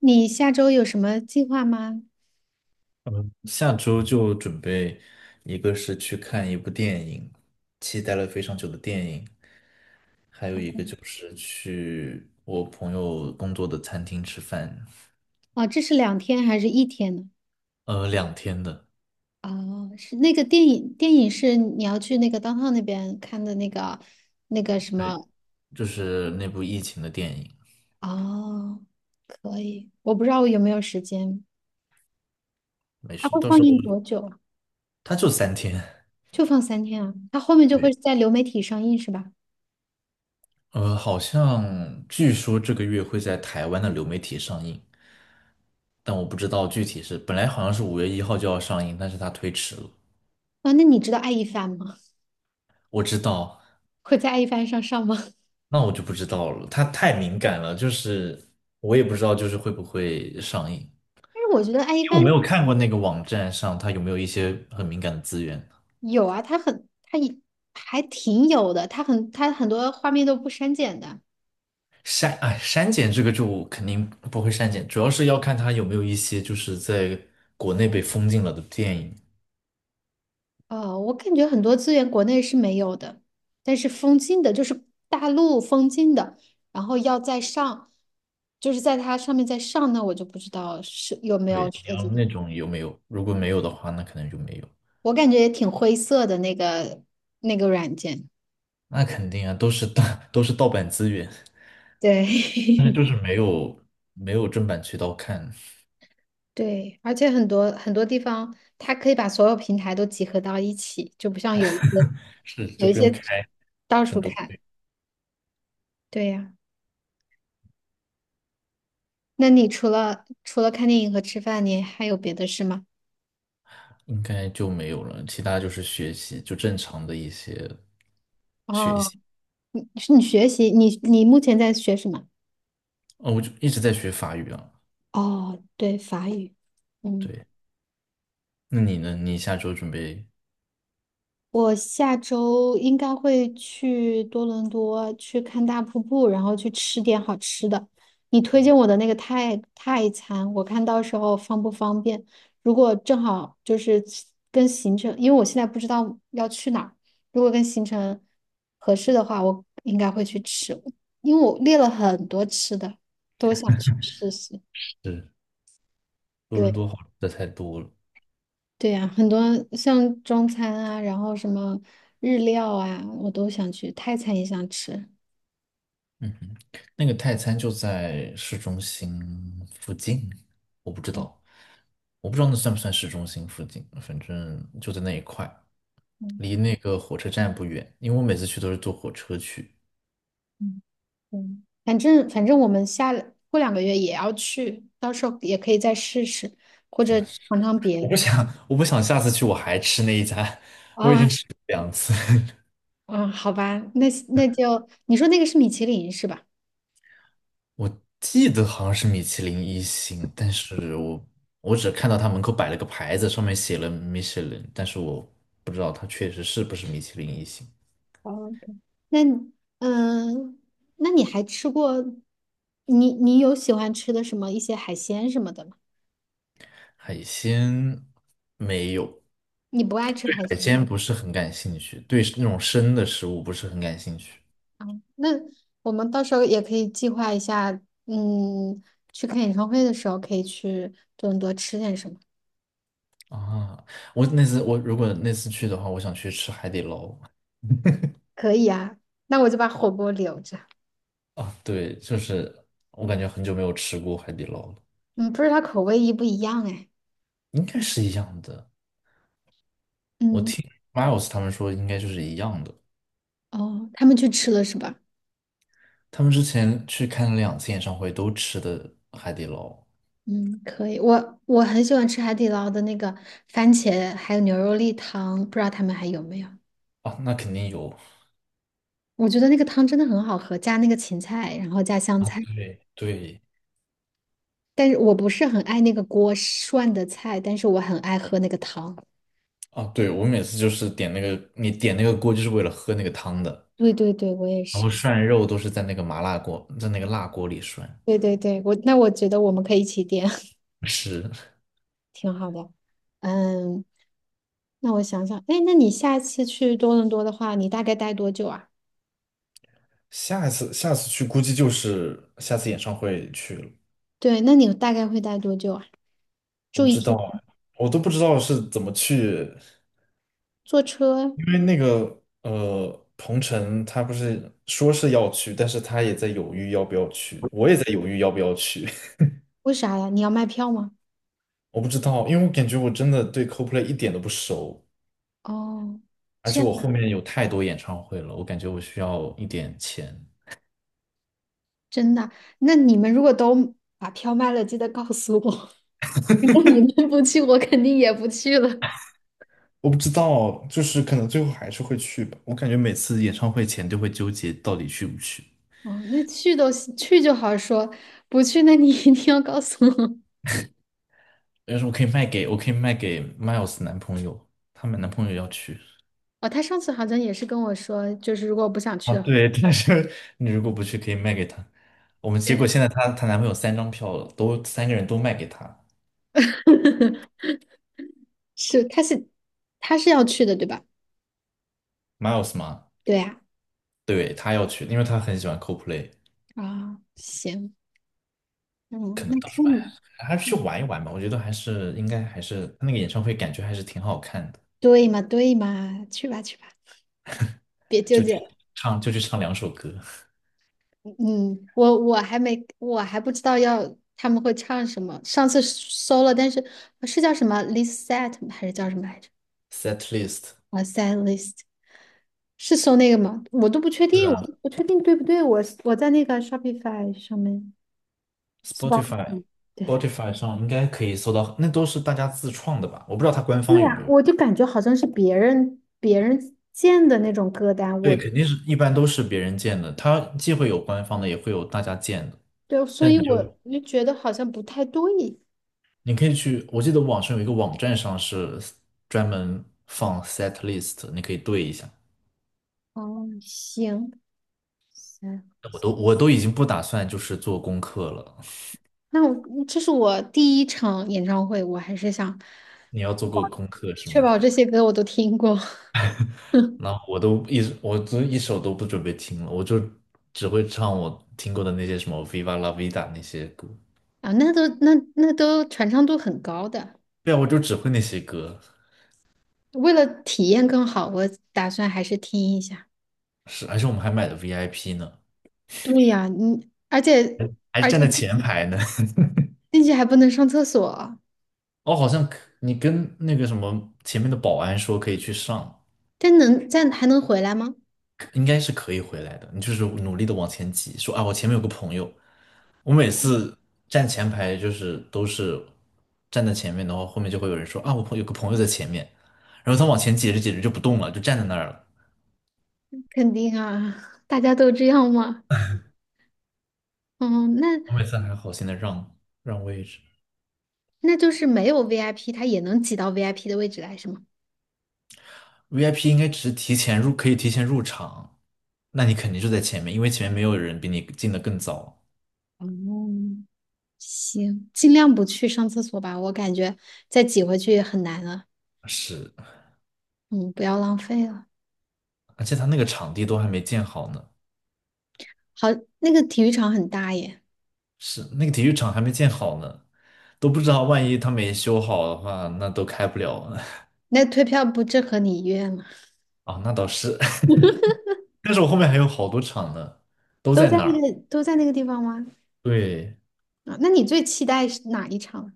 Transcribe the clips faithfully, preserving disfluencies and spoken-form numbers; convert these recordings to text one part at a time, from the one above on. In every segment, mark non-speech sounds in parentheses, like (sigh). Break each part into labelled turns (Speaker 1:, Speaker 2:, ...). Speaker 1: 你下周有什么计划吗？
Speaker 2: 下周就准备，一个是去看一部电影，期待了非常久的电影，还有一个就是去我朋友工作的餐厅吃饭。
Speaker 1: 哦，这是两天还是一天呢？
Speaker 2: 呃，两天的。
Speaker 1: 哦，是那个电影，电影是你要去那个 downtown 那边看的那个那个什
Speaker 2: 对，
Speaker 1: 么？
Speaker 2: 就是那部疫情的电影。
Speaker 1: 哦，可以，我不知道我有没有时间。
Speaker 2: 没
Speaker 1: 它
Speaker 2: 事，
Speaker 1: 会
Speaker 2: 到
Speaker 1: 放
Speaker 2: 时候。
Speaker 1: 映多久啊？
Speaker 2: 他就三天。
Speaker 1: 就放三天啊？它后面就会
Speaker 2: 对，
Speaker 1: 在流媒体上映是吧？
Speaker 2: 呃，好像据说这个月会在台湾的流媒体上映，但我不知道具体是，本来好像是五月一号就要上映，但是它推迟了。
Speaker 1: 啊，那你知道爱一帆吗？
Speaker 2: 我知道。
Speaker 1: 会在爱一帆上上吗？(laughs)
Speaker 2: 那我就不知道了，它太敏感了，就是我也不知道，就是会不会上映，因
Speaker 1: 但是我觉得爱一
Speaker 2: 为我
Speaker 1: 帆
Speaker 2: 没有看过那个网站上它有没有一些很敏感的资源。
Speaker 1: 有啊，它很，它也还挺有的，它很，它很多画面都不删减的。
Speaker 2: 删，哎，删减这个就肯定不会删减，主要是要看它有没有一些就是在国内被封禁了的电影。
Speaker 1: 哦，我感觉很多资源国内是没有的，但是封禁的，就是大陆封禁的，然后要再上，就是在它上面再上，那我就不知道是有没
Speaker 2: 对，
Speaker 1: 有
Speaker 2: 你
Speaker 1: 涉及
Speaker 2: 要
Speaker 1: 到。
Speaker 2: 那种有没有？如果没有的话，那可能就没有。
Speaker 1: 我感觉也挺灰色的那个那个软件，
Speaker 2: 那肯定啊，都是盗，(laughs) 都是盗版资源，但是
Speaker 1: 对。
Speaker 2: 就是没有没有正版渠道看。
Speaker 1: (laughs) 对，而且很多很多地方它可以把所有平台都集合到一起，就不像有一些
Speaker 2: 是，
Speaker 1: 有
Speaker 2: 就
Speaker 1: 一
Speaker 2: 不用
Speaker 1: 些
Speaker 2: 开
Speaker 1: 到
Speaker 2: 很
Speaker 1: 处
Speaker 2: 多。
Speaker 1: 看。对呀，那你除了除了看电影和吃饭，你还有别的事吗？
Speaker 2: 应该就没有了，其他就是学习，就正常的一些学习。
Speaker 1: 哦。是你学习，你你目前在学什么？
Speaker 2: 哦，我就一直在学法语啊。
Speaker 1: 哦，对，法语。嗯，
Speaker 2: 对。那你呢？你下周准备。
Speaker 1: 我下周应该会去多伦多去看大瀑布，然后去吃点好吃的。你推荐我的那个泰泰餐，我看到时候方不方便？如果正好就是跟行程，因为我现在不知道要去哪儿，如果跟行程合适的话，我应该会去吃，因为我列了很多吃的，都想去试试。
Speaker 2: 是，多伦
Speaker 1: 对。
Speaker 2: 多好吃的太多了。
Speaker 1: 对呀，很多像中餐啊，然后什么日料啊，我都想去，泰餐也想吃。
Speaker 2: 嗯哼，那个泰餐就在市中心附近。我不知道，我不知道那算不算市中心附近，反正就在那一块，
Speaker 1: 嗯
Speaker 2: 离那个火车站不远。因为我每次去都是坐火车去。
Speaker 1: 嗯，嗯，反正反正我们下过两个月也要去，到时候也可以再试试，或者尝尝别
Speaker 2: 我不
Speaker 1: 的。
Speaker 2: 想，我不想下次去我还吃那一家，我已经
Speaker 1: 啊
Speaker 2: 吃了两次。(laughs)
Speaker 1: 啊，好吧，那那就你说那个是米其林是吧？
Speaker 2: 我记得好像是米其林一星，但是我我只看到他门口摆了个牌子，上面写了米其林，但是我不知道它确实是不是米其林一星。
Speaker 1: 哦，那你嗯，那你还吃过？你你有喜欢吃的什么一些海鲜什么的吗？
Speaker 2: 海鲜没有。
Speaker 1: 你不爱吃海
Speaker 2: 海
Speaker 1: 鲜？
Speaker 2: 鲜不是很感兴趣，对那种生的食物不是很感兴趣
Speaker 1: 那我们到时候也可以计划一下，嗯，去看演唱会的时候可以去多伦多吃点什么。
Speaker 2: 啊。我那次我如果那次去的话，我想去吃海底捞
Speaker 1: 可以啊，那我就把火锅留着。
Speaker 2: 啊。对，就是我感觉很久没有吃过海底捞了。
Speaker 1: 嗯，不知道口味一不一样哎。
Speaker 2: 应该是一样的。我
Speaker 1: 嗯，
Speaker 2: 听 Miles 他们说应该就是一样的。
Speaker 1: 哦，他们去吃了是吧？
Speaker 2: 他们之前去看了两次演唱会，都吃的海底捞。
Speaker 1: 嗯，可以。我我很喜欢吃海底捞的那个番茄还有牛肉粒汤，不知道他们还有没有？
Speaker 2: 啊，那肯定有。
Speaker 1: 我觉得那个汤真的很好喝，加那个芹菜，然后加香
Speaker 2: 啊，
Speaker 1: 菜。
Speaker 2: 对对
Speaker 1: 但是我不是很爱那个锅涮的菜，但是我很爱喝那个汤。
Speaker 2: 啊。对，我每次就是点那个，你点那个锅就是为了喝那个汤的，
Speaker 1: 对对对，我也
Speaker 2: 然
Speaker 1: 是。
Speaker 2: 后涮肉都是在那个麻辣锅，在那个辣锅里涮。
Speaker 1: 对对对，我那我觉得我们可以一起点。(laughs)
Speaker 2: 是，
Speaker 1: 挺好的。嗯，那我想想，哎，那你下次去多伦多的话，你大概待多久啊？
Speaker 2: 下一次下次去估计就是下次演唱会去了。
Speaker 1: 对，那你大概会待多久啊？
Speaker 2: 我
Speaker 1: 住
Speaker 2: 不
Speaker 1: 一
Speaker 2: 知道
Speaker 1: 天？
Speaker 2: 啊，我都不知道是怎么去，
Speaker 1: 坐车？
Speaker 2: 因为那个呃，鹏程他不是说是要去，但是他也在犹豫要不要去，我也在犹豫要不要去。
Speaker 1: 为啥呀？你要卖票吗？
Speaker 2: 我不知道，因为我感觉我真的对 c o l p l a y 一点都不熟，
Speaker 1: 哦，
Speaker 2: 而
Speaker 1: 这
Speaker 2: 且
Speaker 1: 样
Speaker 2: 我后
Speaker 1: 啊，
Speaker 2: 面有太多演唱会了，我感觉我需要一点钱。
Speaker 1: 真的？那你们如果都把票卖了，记得告诉我。(laughs) 如果你们不去，我肯定也不去了。
Speaker 2: 我不知道，就是可能最后还是会去吧。我感觉每次演唱会前都会纠结到底去不去。
Speaker 1: 哦，那去都行去就好说，不去那你一定要告诉我。
Speaker 2: 但是我可以卖给，我可以卖给 Miles 男朋友，他们男朋友要去。
Speaker 1: 哦，他上次好像也是跟我说，就是如果我不想去
Speaker 2: 啊，
Speaker 1: 的话。
Speaker 2: 对，(laughs) 但是你如果不去，可以卖给他。我们结果
Speaker 1: 对，
Speaker 2: 现在她她男朋友三张票了，都三个人都卖给她。
Speaker 1: (laughs) 是，他是他是要去的，对吧？
Speaker 2: Miles 嘛。
Speaker 1: 对呀，
Speaker 2: 对，他要去，因为他很喜欢 c o l p l a y。
Speaker 1: 啊，行，嗯，
Speaker 2: 可
Speaker 1: 那
Speaker 2: 能到时
Speaker 1: 看
Speaker 2: 候哎，
Speaker 1: 嘛，
Speaker 2: 还是去玩一玩吧。我觉得还是应该还是他那个演唱会感觉还是挺好看的，
Speaker 1: 对嘛，对嘛，去吧，去吧，别纠
Speaker 2: 就
Speaker 1: 结
Speaker 2: 去
Speaker 1: 了。
Speaker 2: 唱就去唱两首歌。
Speaker 1: 嗯，我我还没，我还不知道要他们会唱什么。上次搜了，但是呃是叫什么 list set 吗还是叫什么来着？
Speaker 2: Set list。
Speaker 1: 啊，set list 是搜那个吗？我都不确
Speaker 2: (laughs) 是
Speaker 1: 定，我
Speaker 2: 啊
Speaker 1: 都不确定对不对。我我在那个 Shopify 上面 Spot，
Speaker 2: ，Spotify
Speaker 1: 嗯，对对。
Speaker 2: Spotify 上应该可以搜到，那都是大家自创的吧？我不知道它官
Speaker 1: 对
Speaker 2: 方有
Speaker 1: 呀，
Speaker 2: 没有。
Speaker 1: 我就感觉好像是别人别人建的那种歌单，
Speaker 2: 对，
Speaker 1: 我
Speaker 2: 肯定是一般都是别人建的，它既会有官方的，也会有大家建的。
Speaker 1: 对，所
Speaker 2: 但
Speaker 1: 以
Speaker 2: 你就，
Speaker 1: 我就觉得好像不太对。
Speaker 2: 你可以去，我记得网上有一个网站上是专门放 set list,你可以对一下。
Speaker 1: 哦，行行，
Speaker 2: 我都我都已经不打算就是做功课了。(laughs)
Speaker 1: 那我这是我第一场演唱会，我还是想
Speaker 2: 你要做过功课是
Speaker 1: 确
Speaker 2: 吗？
Speaker 1: 保这些歌我都听过。 (laughs)
Speaker 2: 那我都一我都一首都不准备听了，我就只会唱我听过的那些什么《Viva La Vida》那些歌。
Speaker 1: 啊，那都那那都传唱度很高的。
Speaker 2: 对啊，我就只会那些歌。
Speaker 1: 为了体验更好，我打算还是听一下。
Speaker 2: 是，而且我们还买的 V I P 呢，
Speaker 1: 对呀，你而且
Speaker 2: 还是
Speaker 1: 而且
Speaker 2: 站在前排呢。(laughs)
Speaker 1: 进去还不能上厕所，
Speaker 2: 哦，好像，可你跟那个什么前面的保安说可以去上。
Speaker 1: 但能但还能回来吗？
Speaker 2: 应该是可以回来的。你就是努力的往前挤，说啊，我前面有个朋友。我每次站前排就是都是站在前面的话，后面就会有人说啊，我朋有个朋友在前面，然后他往前挤着挤着就不动了，就站在那儿了。
Speaker 1: 肯定啊，大家都这样嘛。嗯，那
Speaker 2: 我每次还好心的让让位置
Speaker 1: 那就是没有 V I P，他也能挤到 V I P 的位置来，是吗？
Speaker 2: ，V I P 应该只是提前入，可以提前入场，那你肯定就在前面，因为前面没有人比你进的更早。
Speaker 1: 哦，行，尽量不去上厕所吧，我感觉再挤回去也很难了。
Speaker 2: 是，
Speaker 1: 嗯，不要浪费了。
Speaker 2: 而且他那个场地都还没建好呢，
Speaker 1: 好，那个体育场很大耶，
Speaker 2: 是那个体育场还没建好呢，都不知道万一他没修好的话，那都开不了了。
Speaker 1: 那退票不正合你意愿吗？
Speaker 2: (laughs) 啊，那倒是。(laughs) 但是我后面还有好多场呢，都
Speaker 1: 都
Speaker 2: 在
Speaker 1: 在
Speaker 2: 那
Speaker 1: 那
Speaker 2: 儿。
Speaker 1: 个都在那个地方吗？
Speaker 2: 对，
Speaker 1: 啊，那你最期待是哪一场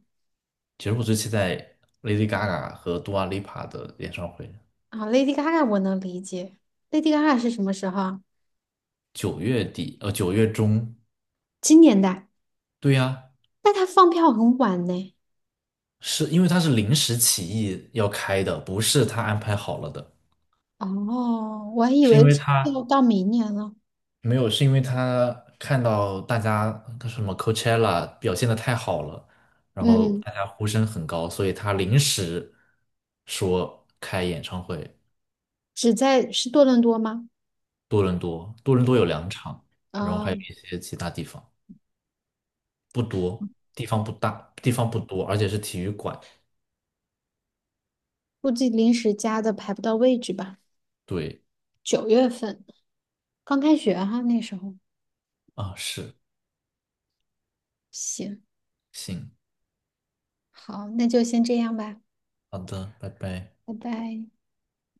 Speaker 2: 其实我最期待 Lady Gaga 和 Dua Lipa 的演唱会。
Speaker 1: 啊？Lady Gaga 我能理解，Lady Gaga 是什么时候啊
Speaker 2: 九月底，呃，九月中。
Speaker 1: 今年的，
Speaker 2: 对呀，
Speaker 1: 但她放票很晚呢。
Speaker 2: 是因为他是临时起意要开的，不是他安排好了的，
Speaker 1: 哦，我还以
Speaker 2: 是
Speaker 1: 为
Speaker 2: 因为
Speaker 1: 是要
Speaker 2: 他
Speaker 1: 到明年了。
Speaker 2: 没有，是因为他看到大家什么 Coachella 表现的太好了，然后
Speaker 1: 嗯，
Speaker 2: 大家呼声很高，所以他临时说开演唱会。
Speaker 1: 只在是多伦多吗？
Speaker 2: 多伦多，多伦多有两场，然后还有
Speaker 1: 嗯，
Speaker 2: 一些其他地方，不多，地方不大，地方不多，而且是体育馆。
Speaker 1: 估计临时加的排不到位置吧。
Speaker 2: 对。
Speaker 1: 九月份刚开学哈，那时候。
Speaker 2: 啊，是。
Speaker 1: 行，
Speaker 2: 行。
Speaker 1: 好，那就先这样吧，
Speaker 2: 好的，拜拜。
Speaker 1: 拜拜。